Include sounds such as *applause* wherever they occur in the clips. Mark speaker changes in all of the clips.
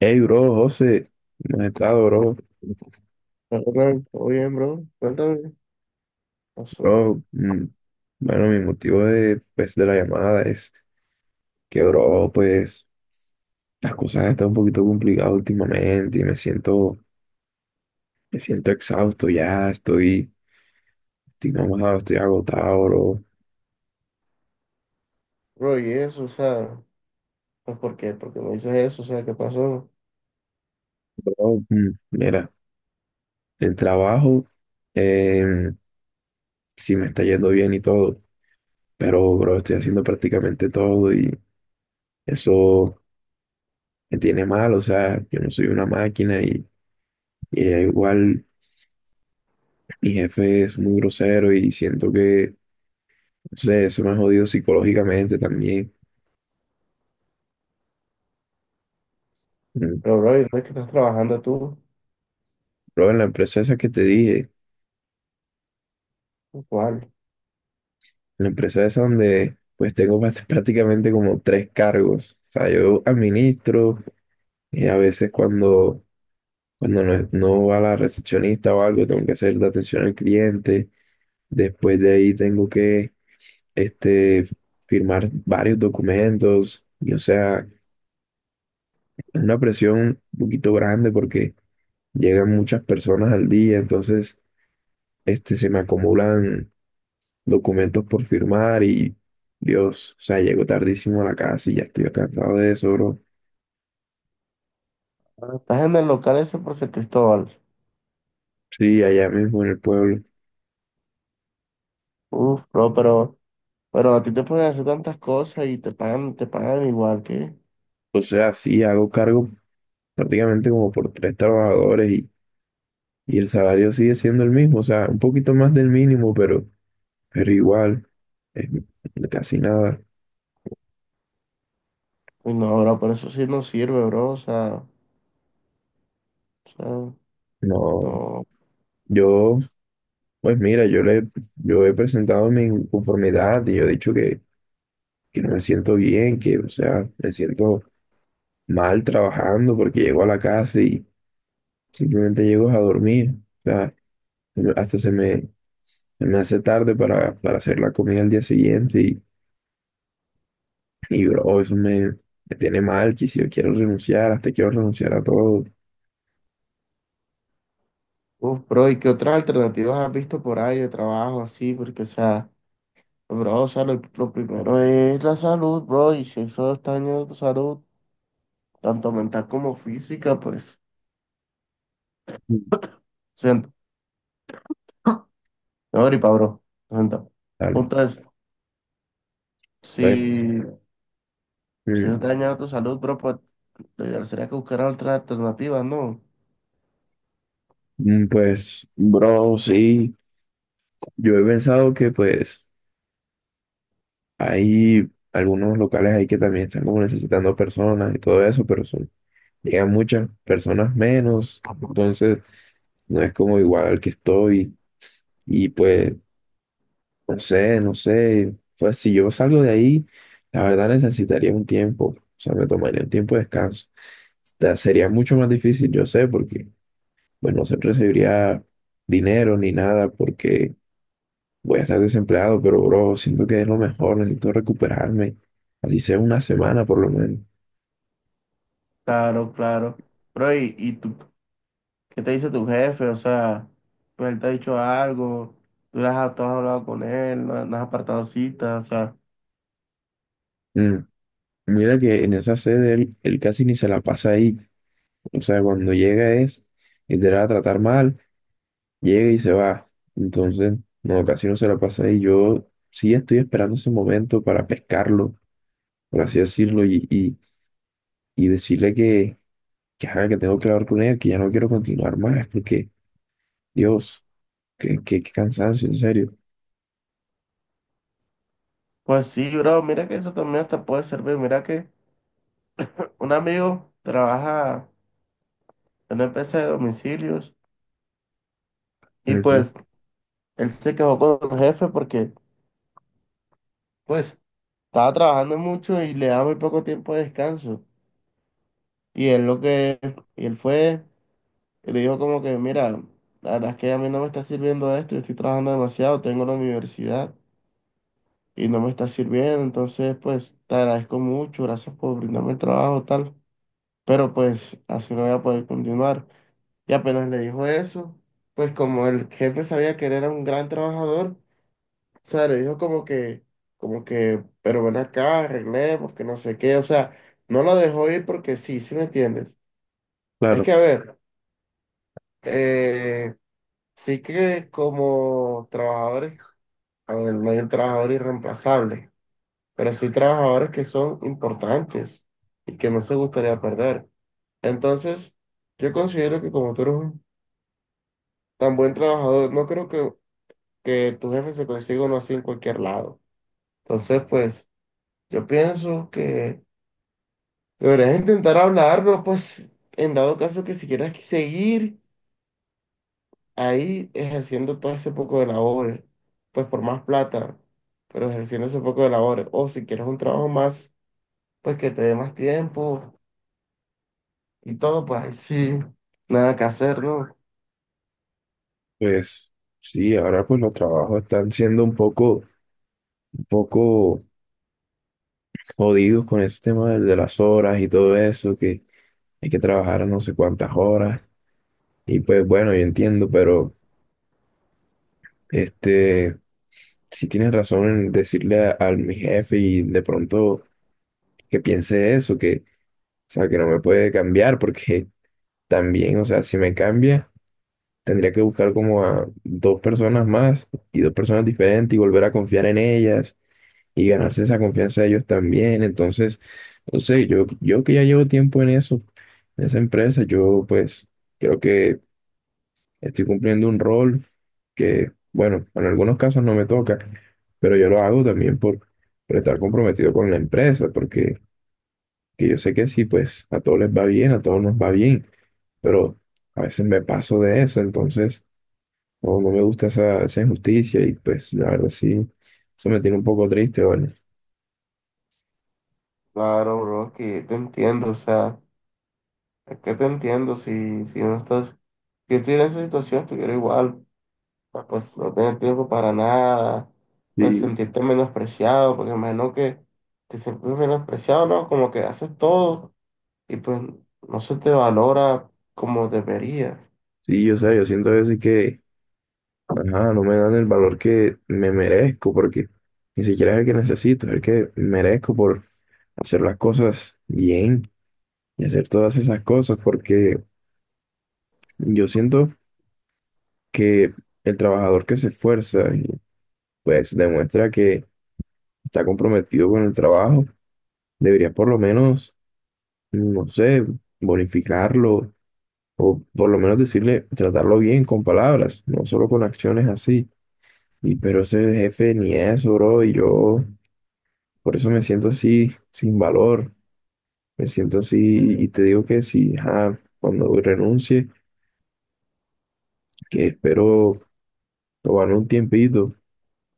Speaker 1: Hey, bro, José, ¿cómo has estado, bro?
Speaker 2: Hola, Ronald. ¿Todo bien, bro? Cuéntame, ¿qué pasó?
Speaker 1: Bro, bueno, mi motivo de, pues, de la llamada es que, bro, pues, las cosas están un poquito complicadas últimamente y me siento exhausto ya, estoy mamado, estoy agotado, bro.
Speaker 2: Bro, y eso, o sea, pues ¿por qué? ¿Por qué me dices eso? O sea, ¿qué pasó?
Speaker 1: Bro, mira, el trabajo, eh, sí me está yendo bien y todo, pero, bro, estoy haciendo prácticamente todo y eso me tiene mal, o sea, yo no soy una máquina y igual. Mi jefe es muy grosero y siento que, no sé, eso me ha jodido psicológicamente también. Mm.
Speaker 2: Pero, bro, ¿y dónde es que estás trabajando tú?
Speaker 1: Pero en la empresa esa que te dije, en
Speaker 2: ¿Cuál?
Speaker 1: la empresa esa donde pues tengo *laughs* prácticamente como tres cargos. O sea, yo administro y a veces cuando, cuando no va la recepcionista o algo, tengo que hacer la atención al cliente. Después de ahí tengo que este, firmar varios documentos y o sea, es una presión un poquito grande porque llegan muchas personas al día, entonces se me acumulan documentos por firmar y Dios, o sea, llego tardísimo a la casa y ya estoy cansado de eso, bro.
Speaker 2: Ah, estás en el local ese por San Cristóbal.
Speaker 1: Sí, allá mismo en el pueblo.
Speaker 2: Uf, bro, pero a ti te pueden hacer tantas cosas y te pagan igual que.
Speaker 1: O sea, sí, hago cargo prácticamente como por tres trabajadores y el salario sigue siendo el mismo, o sea, un poquito más del mínimo, pero igual, es casi nada.
Speaker 2: Uy, no, bro, por eso sí no sirve, bro. O sea,
Speaker 1: No,
Speaker 2: no.
Speaker 1: yo, pues mira, yo he presentado mi inconformidad y yo he dicho que no me siento bien, que, o sea, me siento mal trabajando porque llego a la casa y simplemente llego a dormir. O sea, hasta se me, se me hace tarde para hacer la comida al día siguiente y bro, me tiene mal, que si yo quiero renunciar, hasta quiero renunciar a todo.
Speaker 2: Uf, bro, ¿y qué otras alternativas has visto por ahí de trabajo así? Porque, o sea. Pues, bro, o sea, lo primero es la salud, bro, y si eso está dañando tu salud, tanto mental como física, pues,
Speaker 1: Mm.
Speaker 2: siento. *gasps* No, gripa, bro, siento.
Speaker 1: Dale,
Speaker 2: Punto es,
Speaker 1: pues,
Speaker 2: si, si
Speaker 1: mm,
Speaker 2: está dañando tu salud, bro, pues, lo ideal sería que buscaras otras alternativas, ¿no?
Speaker 1: pues, bro, sí, yo he pensado que pues hay algunos locales ahí que también están como necesitando personas y todo eso, pero son llegan muchas personas menos, entonces no es como igual al que estoy y pues no sé, no sé, pues si yo salgo de ahí, la verdad necesitaría un tiempo, o sea, me tomaría un tiempo de descanso. Sería mucho más difícil, yo sé, porque pues no se recibiría dinero ni nada porque voy a estar desempleado, pero bro, siento que es lo mejor, necesito recuperarme, así sea una semana por lo menos.
Speaker 2: Claro, claro. Bro, y tú, qué te dice tu jefe? O sea, pues, él te ha dicho algo, tú, le has, tú has hablado con él, no, no has apartado citas, o sea,
Speaker 1: Mm, mira que en esa sede él casi ni se la pasa ahí. O sea, cuando llega es literal a tratar mal, llega y se va. Entonces, no, casi no se la pasa y yo sí estoy esperando ese momento para pescarlo, por así decirlo, y decirle que, ajá, que tengo que hablar con él, que ya no quiero continuar más, porque, Dios, qué cansancio, en serio.
Speaker 2: pues sí, bro, mira que eso también hasta puede servir, mira que un amigo trabaja en una empresa de domicilios y
Speaker 1: Ujú.
Speaker 2: pues él se quejó con el jefe porque pues estaba trabajando mucho y le daba muy poco tiempo de descanso. Y él lo que, y él fue y le dijo como que, mira, la verdad es que a mí no me está sirviendo esto, yo estoy trabajando demasiado, tengo la universidad y no me está sirviendo, entonces pues te agradezco mucho, gracias por brindarme el trabajo, tal, pero pues así no voy a poder continuar. Y apenas le dijo eso, pues como el jefe sabía que él era un gran trabajador, o sea, le dijo como que, pero ven acá, arreglemos, que no sé qué, o sea, no lo dejó ir porque sí, sí me entiendes. Es
Speaker 1: Claro,
Speaker 2: que, a ver, eh, sí que como trabajadores, a ver, no hay un trabajador irreemplazable, pero sí trabajadores que son importantes y que no se gustaría perder. Entonces, yo considero que como tú eres un tan buen trabajador, no creo que tu jefe se consiga uno así en cualquier lado. Entonces, pues, yo pienso que deberías intentar hablarlo, pues, en dado caso que si quieres que seguir ahí ejerciendo todo ese poco de labores, pues por más plata, pero ejerciendo ese poco de labores, o si quieres un trabajo más, pues que te dé más tiempo y todo, pues ahí sí, nada que hacer, ¿no?
Speaker 1: pues sí, ahora pues los trabajos están siendo un poco jodidos con ese tema de las horas y todo eso, que hay que trabajar a no sé cuántas horas. Y pues bueno, yo entiendo, pero este, si tienes razón en decirle al mi jefe y de pronto que piense eso, que, o sea, que no me puede cambiar, porque también, o sea, si me cambia, tendría que buscar como a dos personas más y dos personas diferentes y volver a confiar en ellas y ganarse esa confianza de ellos también. Entonces, no sé, yo que ya llevo tiempo en eso, en esa empresa, yo pues creo que estoy cumpliendo un rol que, bueno, en algunos casos no me toca, pero yo lo hago también por estar comprometido con la empresa, porque que yo sé que sí, pues a todos les va bien, a todos nos va bien, pero a veces me paso de eso, entonces no me gusta esa, esa injusticia y pues la verdad sí, eso me tiene un poco triste, ¿vale?
Speaker 2: Claro, bro, que te entiendo, o sea, es que te entiendo si, si no estás, si estoy en esa situación, estuviera igual. Pa- pues no tener tiempo para nada, pues
Speaker 1: Sí,
Speaker 2: sentirte menospreciado, porque imagino que te sientes menospreciado, ¿no? Como que haces todo y pues no se te valora como debería.
Speaker 1: sí, yo sé, yo siento a veces que, ajá, no me dan el valor que me merezco, porque ni siquiera es el que necesito, es el que merezco por hacer las cosas bien y hacer todas esas cosas, porque yo siento que el trabajador que se esfuerza y pues demuestra que está comprometido con el trabajo, debería por lo menos, no sé, bonificarlo o por lo menos decirle, tratarlo bien con palabras, no solo con acciones así. Y pero ese jefe ni eso, bro, y yo por eso me siento así, sin valor, me siento así y te digo que si, ajá, cuando renuncie que espero tomarme un tiempito,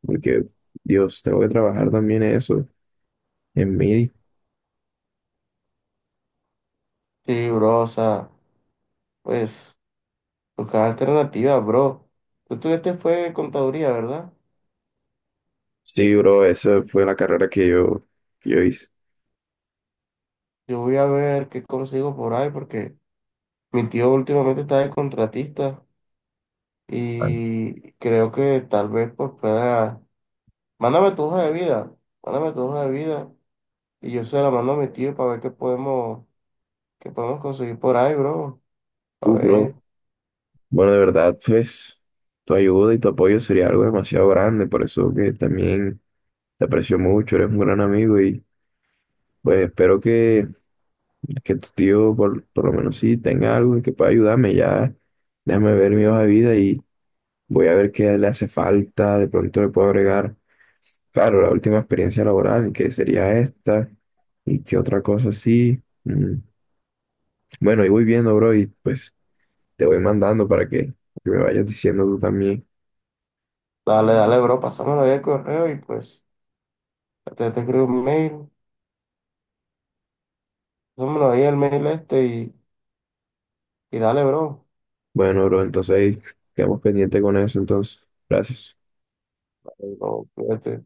Speaker 1: porque, Dios, tengo que trabajar también eso en mí.
Speaker 2: Sí, bro, o sea, pues buscar alternativas, bro. Tú estuviste fue contaduría, ¿verdad?
Speaker 1: Sí, bro, esa fue la carrera que yo hice.
Speaker 2: Yo voy a ver qué consigo por ahí porque mi tío últimamente está de contratista
Speaker 1: Ah,
Speaker 2: y creo que tal vez pues pueda... Mándame tu hoja de vida, mándame tu hoja de vida y yo se la mando a mi tío para ver qué podemos conseguir por ahí, bro. A
Speaker 1: tú, bro.
Speaker 2: ver,
Speaker 1: Bueno, de verdad, pues, tu ayuda y tu apoyo sería algo demasiado grande, por eso que también te aprecio mucho, eres un gran amigo y pues espero que tu tío por lo menos sí tenga algo y que pueda ayudarme. Ya déjame ver mi hoja de vida y voy a ver qué le hace falta, de pronto le puedo agregar. Claro, la última experiencia laboral, que sería esta, y qué otra cosa así. Mm, bueno, y voy viendo, bro, y pues te voy mandando para que me vayas diciendo tú también.
Speaker 2: dale, dale, bro, pasámonos ahí el correo y pues te escribo un mail, pasámonos ahí el mail este y dale, bro.
Speaker 1: Bueno, bro, entonces ahí quedamos pendiente con eso, entonces. Gracias.
Speaker 2: Dale, bro, cuídate.